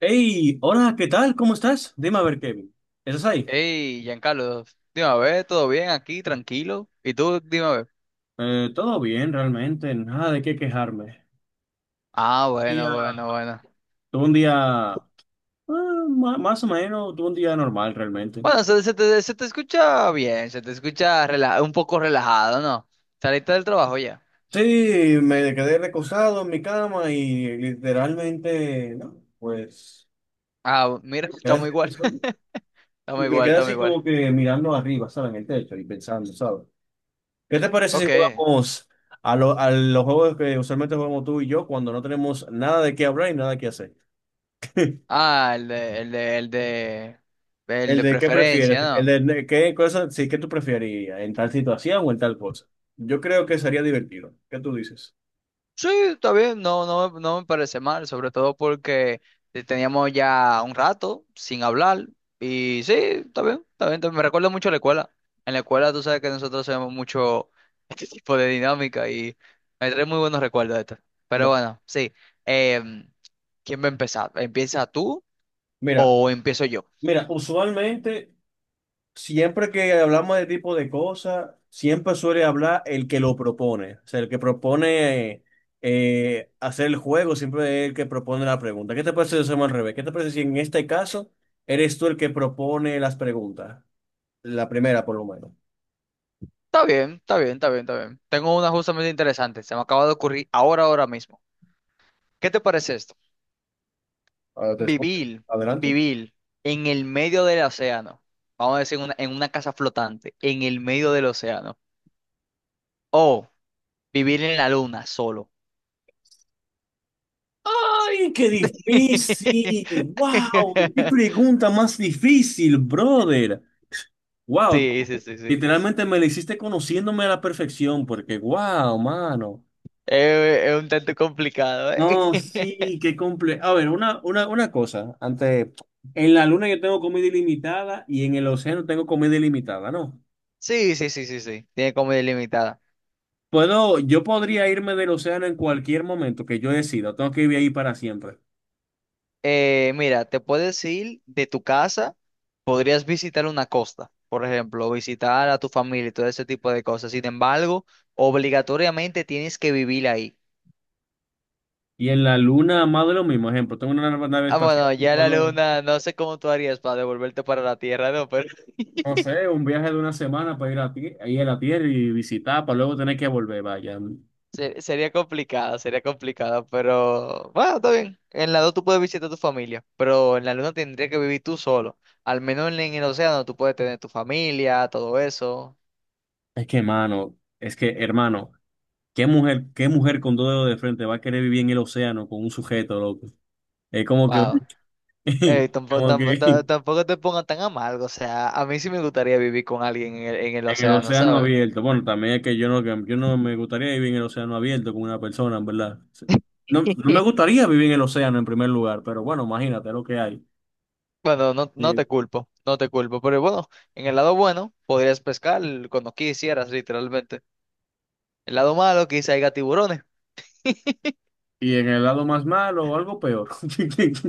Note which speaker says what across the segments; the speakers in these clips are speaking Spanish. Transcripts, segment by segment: Speaker 1: Hey, hola, ¿qué tal? ¿Cómo estás? Dime a ver, Kevin. ¿Estás ahí?
Speaker 2: Hey, Giancarlo, dime a ver, ¿todo bien aquí? ¿Tranquilo? ¿Y tú? Dime a ver.
Speaker 1: Todo bien, realmente, nada de qué quejarme.
Speaker 2: Ah, bueno,
Speaker 1: Día,
Speaker 2: bueno, bueno.
Speaker 1: Tuve un día, más o menos, tuve un día normal realmente.
Speaker 2: Bueno, se te escucha bien, se te escucha un poco relajado, ¿no? Saliste del trabajo ya.
Speaker 1: Sí, me quedé recostado en mi cama y literalmente, no, pues,
Speaker 2: Ah, mira, estamos
Speaker 1: quedé-
Speaker 2: igual, estamos
Speaker 1: me
Speaker 2: igual,
Speaker 1: quedé
Speaker 2: estamos
Speaker 1: así
Speaker 2: igual.
Speaker 1: como que mirando arriba, ¿sabes? En el techo y pensando, ¿sabes? ¿Qué te parece si
Speaker 2: Ok.
Speaker 1: jugamos a, a los juegos que usualmente jugamos tú y yo cuando no tenemos nada de qué hablar y nada que hacer?
Speaker 2: Ah, el de, el de, el de, el
Speaker 1: ¿El
Speaker 2: de
Speaker 1: de qué
Speaker 2: preferencia,
Speaker 1: prefieres?
Speaker 2: ¿no?
Speaker 1: ¿El de qué cosa, sí, qué tú preferirías? ¿En tal situación o en tal cosa? Yo creo que sería divertido. ¿Qué tú dices?
Speaker 2: Sí, está bien, no, no, no me parece mal, sobre todo porque teníamos ya un rato sin hablar y sí, está bien, está bien, está bien. Me recuerda mucho a la escuela. En la escuela tú sabes que nosotros hacemos mucho este tipo de dinámica y me trae muy buenos recuerdos de esto. Pero
Speaker 1: Va.
Speaker 2: bueno, sí, em, ¿quién va a empezar? ¿Empieza tú
Speaker 1: Mira,
Speaker 2: o empiezo yo?
Speaker 1: mira, usualmente, siempre que hablamos de tipo de cosas, siempre suele hablar el que lo propone. O sea, el que propone hacer el juego, siempre es el que propone la pregunta. ¿Qué te parece si lo hacemos al revés? ¿Qué te parece si en este caso eres tú el que propone las preguntas? La primera, por lo menos.
Speaker 2: Está bien, está bien, está bien, está bien. Tengo una justamente interesante, se me acaba de ocurrir ahora, ahora mismo. ¿Qué te parece esto?
Speaker 1: Ahora te escucho.
Speaker 2: Vivir,
Speaker 1: Adelante.
Speaker 2: vivir en el medio del océano. Vamos a decir en una casa flotante, en el medio del océano. O vivir en la luna solo.
Speaker 1: ¡Ay, qué difícil! ¡Wow! ¡Qué pregunta más difícil, brother! ¡Wow!
Speaker 2: Sí, sí, sí, sí.
Speaker 1: Literalmente me la hiciste conociéndome a la perfección, porque ¡wow, mano!
Speaker 2: Es, un tanto complicado,
Speaker 1: No,
Speaker 2: ¿eh?
Speaker 1: sí, qué comple... A ver, una cosa. Antes, en la luna yo tengo comida ilimitada y en el océano tengo comida ilimitada, ¿no?
Speaker 2: Sí, sí, sí, sí, sí. Tiene como delimitada.
Speaker 1: Puedo, yo podría irme del océano en cualquier momento que yo decida. Tengo que vivir ahí para siempre.
Speaker 2: Mira, te puedes ir de tu casa, podrías visitar una costa, por ejemplo, visitar a tu familia y todo ese tipo de cosas. Sin embargo, obligatoriamente tienes que vivir ahí.
Speaker 1: Y en la luna, más de lo mismo. Ejemplo, tengo una nave
Speaker 2: Ah,
Speaker 1: espacial
Speaker 2: bueno,
Speaker 1: y
Speaker 2: ya la
Speaker 1: puedo...
Speaker 2: luna, no sé cómo tú harías para devolverte para la Tierra, no, pero
Speaker 1: No sé, un viaje de una semana para ir a, ir a la tierra y visitar, para luego tener que volver, vaya.
Speaker 2: sería complicado, pero bueno, está bien. En la dos tú puedes visitar a tu familia, pero en la luna tendrías que vivir tú solo. Al menos en el océano tú puedes tener tu familia, todo eso.
Speaker 1: Es que, mano, es que, hermano, qué mujer con dos dedos de frente va a querer vivir en el océano con un sujeto, loco? Es como que,
Speaker 2: Wow. Ey, tampoco,
Speaker 1: como
Speaker 2: tampo- ta-
Speaker 1: que
Speaker 2: tampoco te pongas tan amargo, o sea, a mí sí me gustaría vivir con alguien en el
Speaker 1: en el
Speaker 2: océano,
Speaker 1: océano
Speaker 2: ¿sabes?
Speaker 1: abierto. Bueno, también es que yo no me gustaría vivir en el océano abierto con una persona, en verdad. Sí. No, no me gustaría vivir en el océano en primer lugar, pero bueno, imagínate lo que hay.
Speaker 2: Bueno, no, no
Speaker 1: Y,
Speaker 2: te culpo, no te culpo, pero bueno, en el lado bueno podrías pescar cuando quisieras, literalmente. El lado malo, que haya tiburones.
Speaker 1: y en el lado más malo, o algo peor.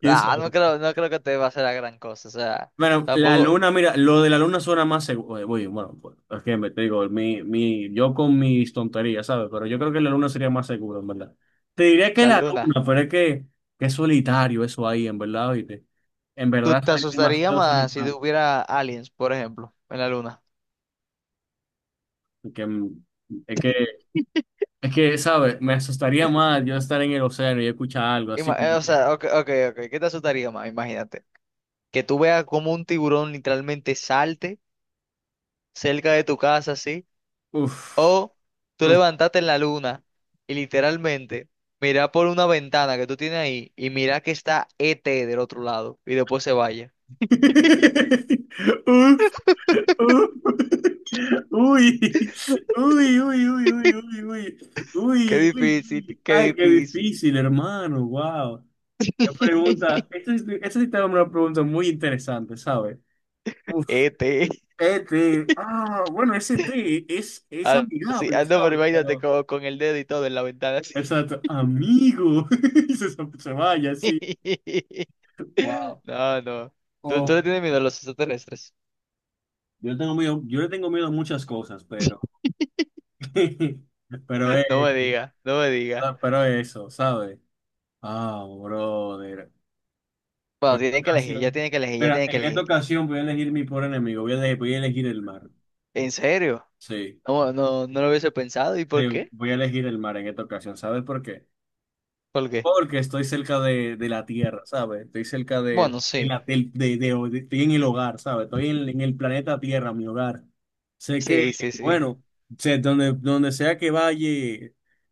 Speaker 1: ¿Quién
Speaker 2: Ah, no
Speaker 1: sabe?
Speaker 2: creo, no creo que te va a hacer la gran cosa. O sea,
Speaker 1: Bueno, la
Speaker 2: tampoco
Speaker 1: luna, mira, lo de la luna suena más seguro. Bueno, pues, es que me te digo, mi, yo con mis tonterías, ¿sabes? Pero yo creo que la luna sería más seguro, en verdad. Te diría que
Speaker 2: la
Speaker 1: la
Speaker 2: luna.
Speaker 1: luna, pero es que es solitario eso ahí, en verdad, oíste. En
Speaker 2: ¿Tú
Speaker 1: verdad
Speaker 2: te
Speaker 1: sería
Speaker 2: asustaría
Speaker 1: demasiado
Speaker 2: más si
Speaker 1: solitario.
Speaker 2: hubiera aliens, por ejemplo, en la luna?
Speaker 1: Porque, es que, es que, ¿sabes? Me asustaría más yo estar en el océano y escuchar algo así como
Speaker 2: O
Speaker 1: que,
Speaker 2: sea, ok, ok, ok. ¿Qué te asustaría más? Imagínate. Que tú veas como un tiburón literalmente salte cerca de tu casa, así.
Speaker 1: uff,
Speaker 2: O tú levantarte en la luna y literalmente mira por una ventana que tú tienes ahí y mira que está ET del otro lado y después se vaya.
Speaker 1: Uf, uf. Uy, uy, uy, uy, uy, uy, uy,
Speaker 2: Qué
Speaker 1: uy,
Speaker 2: difícil,
Speaker 1: uy.
Speaker 2: qué
Speaker 1: Ay, qué
Speaker 2: difícil.
Speaker 1: difícil, hermano. Wow. Qué pregunta. Esta sí te va a dar una pregunta muy interesante, ¿sabes? Uf,
Speaker 2: Este,
Speaker 1: este. Ah, bueno, ese té es
Speaker 2: así,
Speaker 1: amigable,
Speaker 2: ah, no, pero
Speaker 1: ¿sabes?
Speaker 2: imagínate
Speaker 1: Pero.
Speaker 2: con el dedo y todo en la ventana, así.
Speaker 1: Exacto, amigo. Se, se vaya, sí. Wow.
Speaker 2: No, no. Tú le
Speaker 1: Oh,
Speaker 2: tienes miedo a los extraterrestres?
Speaker 1: yo tengo miedo, yo le tengo miedo a muchas cosas, pero. Pero
Speaker 2: No me
Speaker 1: eso,
Speaker 2: diga, no me diga.
Speaker 1: pero eso, ¿sabes? Ah, brother.
Speaker 2: Bueno,
Speaker 1: Por esta
Speaker 2: tiene que elegir, ya
Speaker 1: ocasión.
Speaker 2: tiene que elegir, ya
Speaker 1: Mira,
Speaker 2: tiene que
Speaker 1: en esta
Speaker 2: elegir.
Speaker 1: ocasión voy a elegir mi pobre enemigo. Voy a elegir el mar.
Speaker 2: ¿En serio?
Speaker 1: Sí,
Speaker 2: No, no, no lo hubiese pensado. ¿Y por
Speaker 1: sí,
Speaker 2: qué?
Speaker 1: voy a elegir el mar en esta ocasión. ¿Sabes por qué?
Speaker 2: ¿Por qué?
Speaker 1: Porque estoy cerca de la tierra, ¿sabes? Estoy cerca
Speaker 2: Bueno,
Speaker 1: de
Speaker 2: sí,
Speaker 1: la de, de- estoy en el hogar, ¿sabes? Estoy en el planeta Tierra, mi hogar. Sé que,
Speaker 2: sí, sí, sí.
Speaker 1: bueno, sé, donde, donde sea que vaya,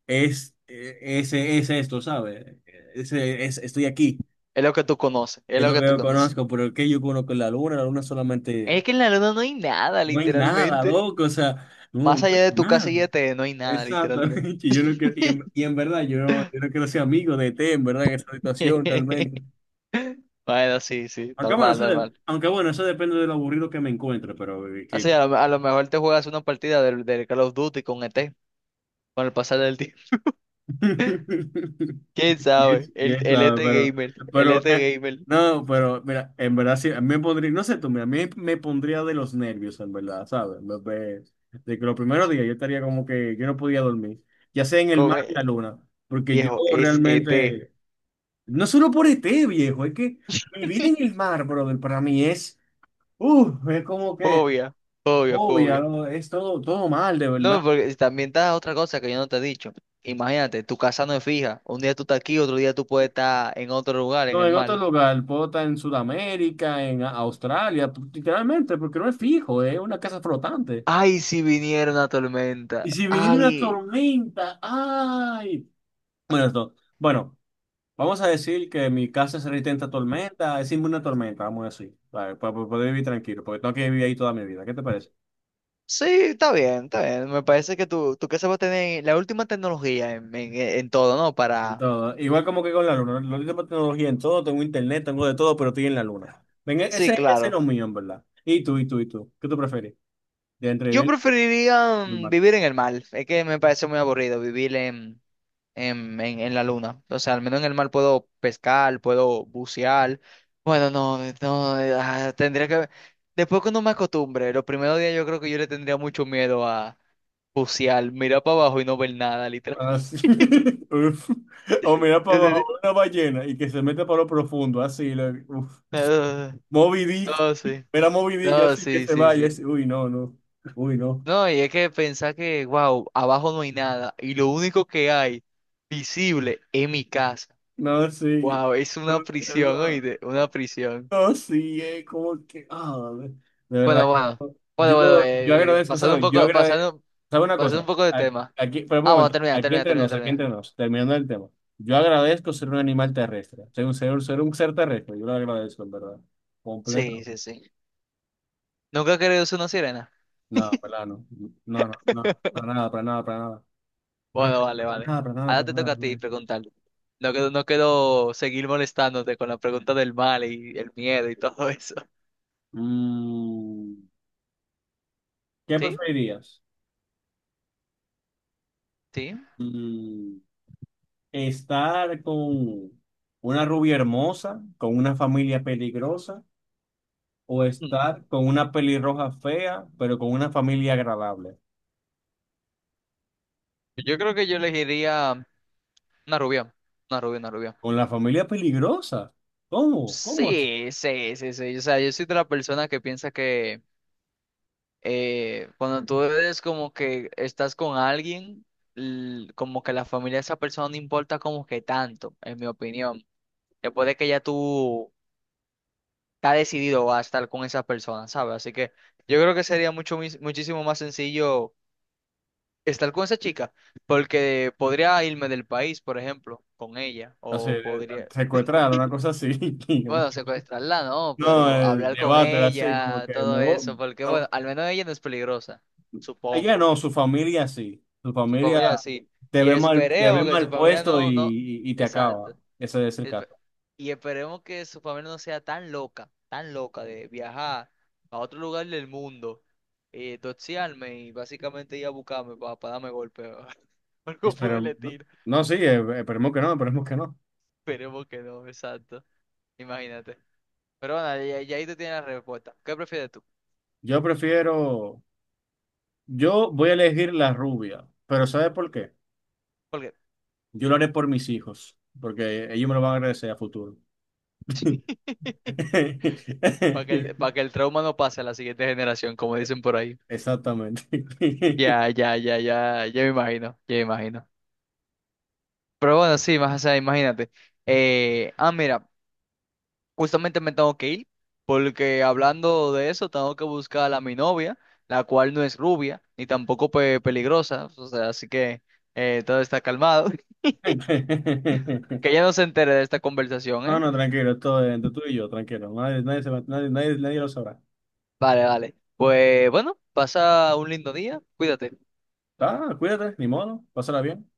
Speaker 1: es, ese es esto, ¿sabes? Ese, es, estoy aquí.
Speaker 2: Es lo que tú conoces, es
Speaker 1: Es
Speaker 2: lo
Speaker 1: lo
Speaker 2: que
Speaker 1: que
Speaker 2: tú
Speaker 1: yo
Speaker 2: conoces.
Speaker 1: conozco, pero ¿qué yo conozco? La luna
Speaker 2: Es
Speaker 1: solamente,
Speaker 2: que en la luna no hay nada,
Speaker 1: no hay nada,
Speaker 2: literalmente.
Speaker 1: loco, o sea, no,
Speaker 2: Más
Speaker 1: no
Speaker 2: allá
Speaker 1: hay
Speaker 2: de tu casa y
Speaker 1: nada.
Speaker 2: de T, no hay nada, literalmente.
Speaker 1: Exactamente, yo no quiero, y en verdad, yo no, yo no quiero ser amigo de T, en verdad, en esta situación, realmente.
Speaker 2: Bueno, sí, sí,
Speaker 1: Aunque bueno,
Speaker 2: normal, normal.
Speaker 1: aunque bueno, eso depende de lo aburrido que me encuentre, pero que-
Speaker 2: Así a lo mejor te juegas una partida del Call of Duty con E T con el pasar del tiempo. ¿Quién sabe?
Speaker 1: Yes, yes,
Speaker 2: El E
Speaker 1: ah,
Speaker 2: T Gamer, el E
Speaker 1: pero
Speaker 2: T Gamer,
Speaker 1: no, pero mira, en verdad sí, a mí me pondría, no sé tú, mira, a mí me pondría de los nervios, en verdad, ¿sabes? De que los primeros días yo estaría como que yo no podía dormir, ya sea en el mar
Speaker 2: con...
Speaker 1: o en la luna, porque yo
Speaker 2: viejo, es E T.
Speaker 1: realmente, no solo por ET, viejo, es que vivir en el mar, brother, para mí es como que...
Speaker 2: Fobia, fobia, fobia.
Speaker 1: Obvio, es todo, todo mal, de verdad.
Speaker 2: No, porque también está otra cosa que yo no te he dicho. Imagínate, tu casa no es fija. Un día tú estás aquí, otro día tú puedes estar en otro lugar, en
Speaker 1: No,
Speaker 2: el
Speaker 1: en otro
Speaker 2: mar.
Speaker 1: lugar, puedo estar en Sudamérica, en Australia, literalmente, porque no es fijo, es una casa flotante.
Speaker 2: Ay, si viniera una
Speaker 1: Y
Speaker 2: tormenta.
Speaker 1: si viniera una
Speaker 2: Ay.
Speaker 1: tormenta, ¡ay! Bueno, esto, bueno, vamos a decir que mi casa es resistente a tormenta, es inmune a tormenta, vamos a decir, para poder vivir tranquilo, porque tengo que vivir ahí toda mi vida, ¿qué te parece?
Speaker 2: Sí, está bien, está bien. Me parece que tu casa va a tener la última tecnología en todo, ¿no?
Speaker 1: En
Speaker 2: Para...
Speaker 1: todo, igual como que con la luna, lo tengo tecnología en todo, tengo internet, tengo de todo, pero estoy en la luna. Venga,
Speaker 2: Sí,
Speaker 1: ese no
Speaker 2: claro.
Speaker 1: es mío, en verdad. ¿Y tú, y tú, y tú? ¿Qué tú prefieres? ¿De entre
Speaker 2: Yo
Speaker 1: vivir
Speaker 2: preferiría
Speaker 1: en el mar?
Speaker 2: vivir en el mar. Es que me parece muy aburrido vivir en la luna. O sea, al menos en el mar puedo pescar, puedo bucear. Bueno, no, no, tendría que... Después cuando me acostumbre, los primeros días yo creo que yo le tendría mucho miedo a bucear, mirar para abajo y no ver nada, literal.
Speaker 1: Así. Uf. O mira para
Speaker 2: Yo
Speaker 1: abajo
Speaker 2: te-
Speaker 1: una ballena y que se mete para lo profundo, así. Uf.
Speaker 2: Ah,
Speaker 1: Moby Dick.
Speaker 2: no, sí.
Speaker 1: Mira Moby Dick,
Speaker 2: No,
Speaker 1: así que
Speaker 2: sí,
Speaker 1: se
Speaker 2: sí,
Speaker 1: vaya.
Speaker 2: sí.
Speaker 1: Así. Uy, no, no. Uy, no.
Speaker 2: No, y es que pensar que, wow, abajo no hay nada y lo único que hay visible es mi casa.
Speaker 1: No, sí.
Speaker 2: Wow, es
Speaker 1: No,
Speaker 2: una prisión,
Speaker 1: no,
Speaker 2: oíste, una prisión.
Speaker 1: no, sí, como que. De verdad.
Speaker 2: Bueno, bueno, bueno, bueno,
Speaker 1: Yo, yo agradezco,
Speaker 2: pasando un
Speaker 1: ¿sabes? Yo
Speaker 2: poco,
Speaker 1: agradezco.
Speaker 2: pasando,
Speaker 1: ¿Sabe una
Speaker 2: pasando un
Speaker 1: cosa?
Speaker 2: poco de
Speaker 1: A-
Speaker 2: tema.
Speaker 1: Aquí, por un
Speaker 2: Ah, bueno,
Speaker 1: momento.
Speaker 2: termina,
Speaker 1: Aquí
Speaker 2: termina,
Speaker 1: entre
Speaker 2: termina,
Speaker 1: nos, aquí
Speaker 2: termina.
Speaker 1: entre nos. Terminando el tema. Yo agradezco ser un animal terrestre. Ser un ser terrestre. Yo lo agradezco, en verdad.
Speaker 2: Sí,
Speaker 1: Completo.
Speaker 2: sí, sí. ¿Nunca he querido ser una sirena?
Speaker 1: No, para nada, no. No, no, no. Para nada, para nada, para nada. Para
Speaker 2: Bueno, vale, vale.
Speaker 1: nada, para nada,
Speaker 2: Ahora
Speaker 1: para
Speaker 2: te
Speaker 1: nada,
Speaker 2: toca a
Speaker 1: para
Speaker 2: ti
Speaker 1: nada.
Speaker 2: preguntar. No quiero, no quiero seguir molestándote con la pregunta del mal y el miedo y todo eso.
Speaker 1: Mm, ¿Qué
Speaker 2: ¿Sí?
Speaker 1: preferirías?
Speaker 2: ¿Sí?
Speaker 1: Mm, ¿Estar con una rubia hermosa, con una familia peligrosa, o
Speaker 2: Mm.
Speaker 1: estar con una pelirroja fea, pero con una familia agradable?
Speaker 2: Yo creo que yo elegiría. Una rubia, una rubia, una rubia.
Speaker 1: ¿Con la familia peligrosa? ¿Cómo? ¿Cómo así?
Speaker 2: Sí, sí, sí, sí. O sea, yo soy de la persona que piensa que cuando tú eres como que estás con alguien, como que la familia de esa persona no importa como que tanto, en mi opinión. Después de que ya tú estás decidido a estar con esa persona, ¿sabes? Así que yo creo que sería muchísimo más sencillo estar con esa chica, porque podría irme del país, por ejemplo, con ella,
Speaker 1: O sea,
Speaker 2: o podría...
Speaker 1: secuestrar, una cosa así.
Speaker 2: Bueno, secuestrarla no,
Speaker 1: No,
Speaker 2: pero
Speaker 1: el
Speaker 2: hablar con
Speaker 1: debate así, como
Speaker 2: ella,
Speaker 1: que me
Speaker 2: todo
Speaker 1: voy.
Speaker 2: eso, porque bueno,
Speaker 1: No,
Speaker 2: al menos ella no es peligrosa,
Speaker 1: ella
Speaker 2: supongo.
Speaker 1: no, su familia sí. Su
Speaker 2: Su
Speaker 1: familia
Speaker 2: familia sí. Y
Speaker 1: te ve
Speaker 2: esperemos que su
Speaker 1: mal
Speaker 2: familia
Speaker 1: puesto y,
Speaker 2: no, no,
Speaker 1: y te acaba.
Speaker 2: exacto.
Speaker 1: Ese es el
Speaker 2: Espe-
Speaker 1: caso.
Speaker 2: Y esperemos que su familia no sea tan loca de viajar a otro lugar del mundo, doxiarme y básicamente ir a buscarme para, darme golpe o algo pude
Speaker 1: Esperemos.
Speaker 2: le tiro.
Speaker 1: No, sí, esperemos que no, esperemos que no.
Speaker 2: Esperemos que no, exacto. Imagínate. Pero bueno, y ahí tú tienes la respuesta. ¿Qué prefieres tú?
Speaker 1: Yo prefiero, yo voy a elegir la rubia, pero ¿sabes por qué?
Speaker 2: ¿Por qué?
Speaker 1: Yo lo haré por mis hijos, porque ellos me lo van a agradecer a futuro.
Speaker 2: Para que para que el trauma no pase a la siguiente generación, como dicen por ahí.
Speaker 1: Exactamente.
Speaker 2: Ya me imagino, ya me imagino. Pero bueno, sí, más, o sea, imagínate. Mira, justamente me tengo que ir, porque hablando de eso, tengo que buscar a mi novia, la cual no es rubia, ni tampoco peligrosa, o sea, así que todo está calmado. Que ella no se entere de esta conversación,
Speaker 1: No,
Speaker 2: ¿eh?
Speaker 1: no, tranquilo, esto es entre tú y yo, tranquilo. Nadie, nadie, nadie, nadie lo sabrá.
Speaker 2: Vale, vale. Pues bueno, pasa un lindo día, cuídate.
Speaker 1: Ah, cuídate, ni modo, pásala bien.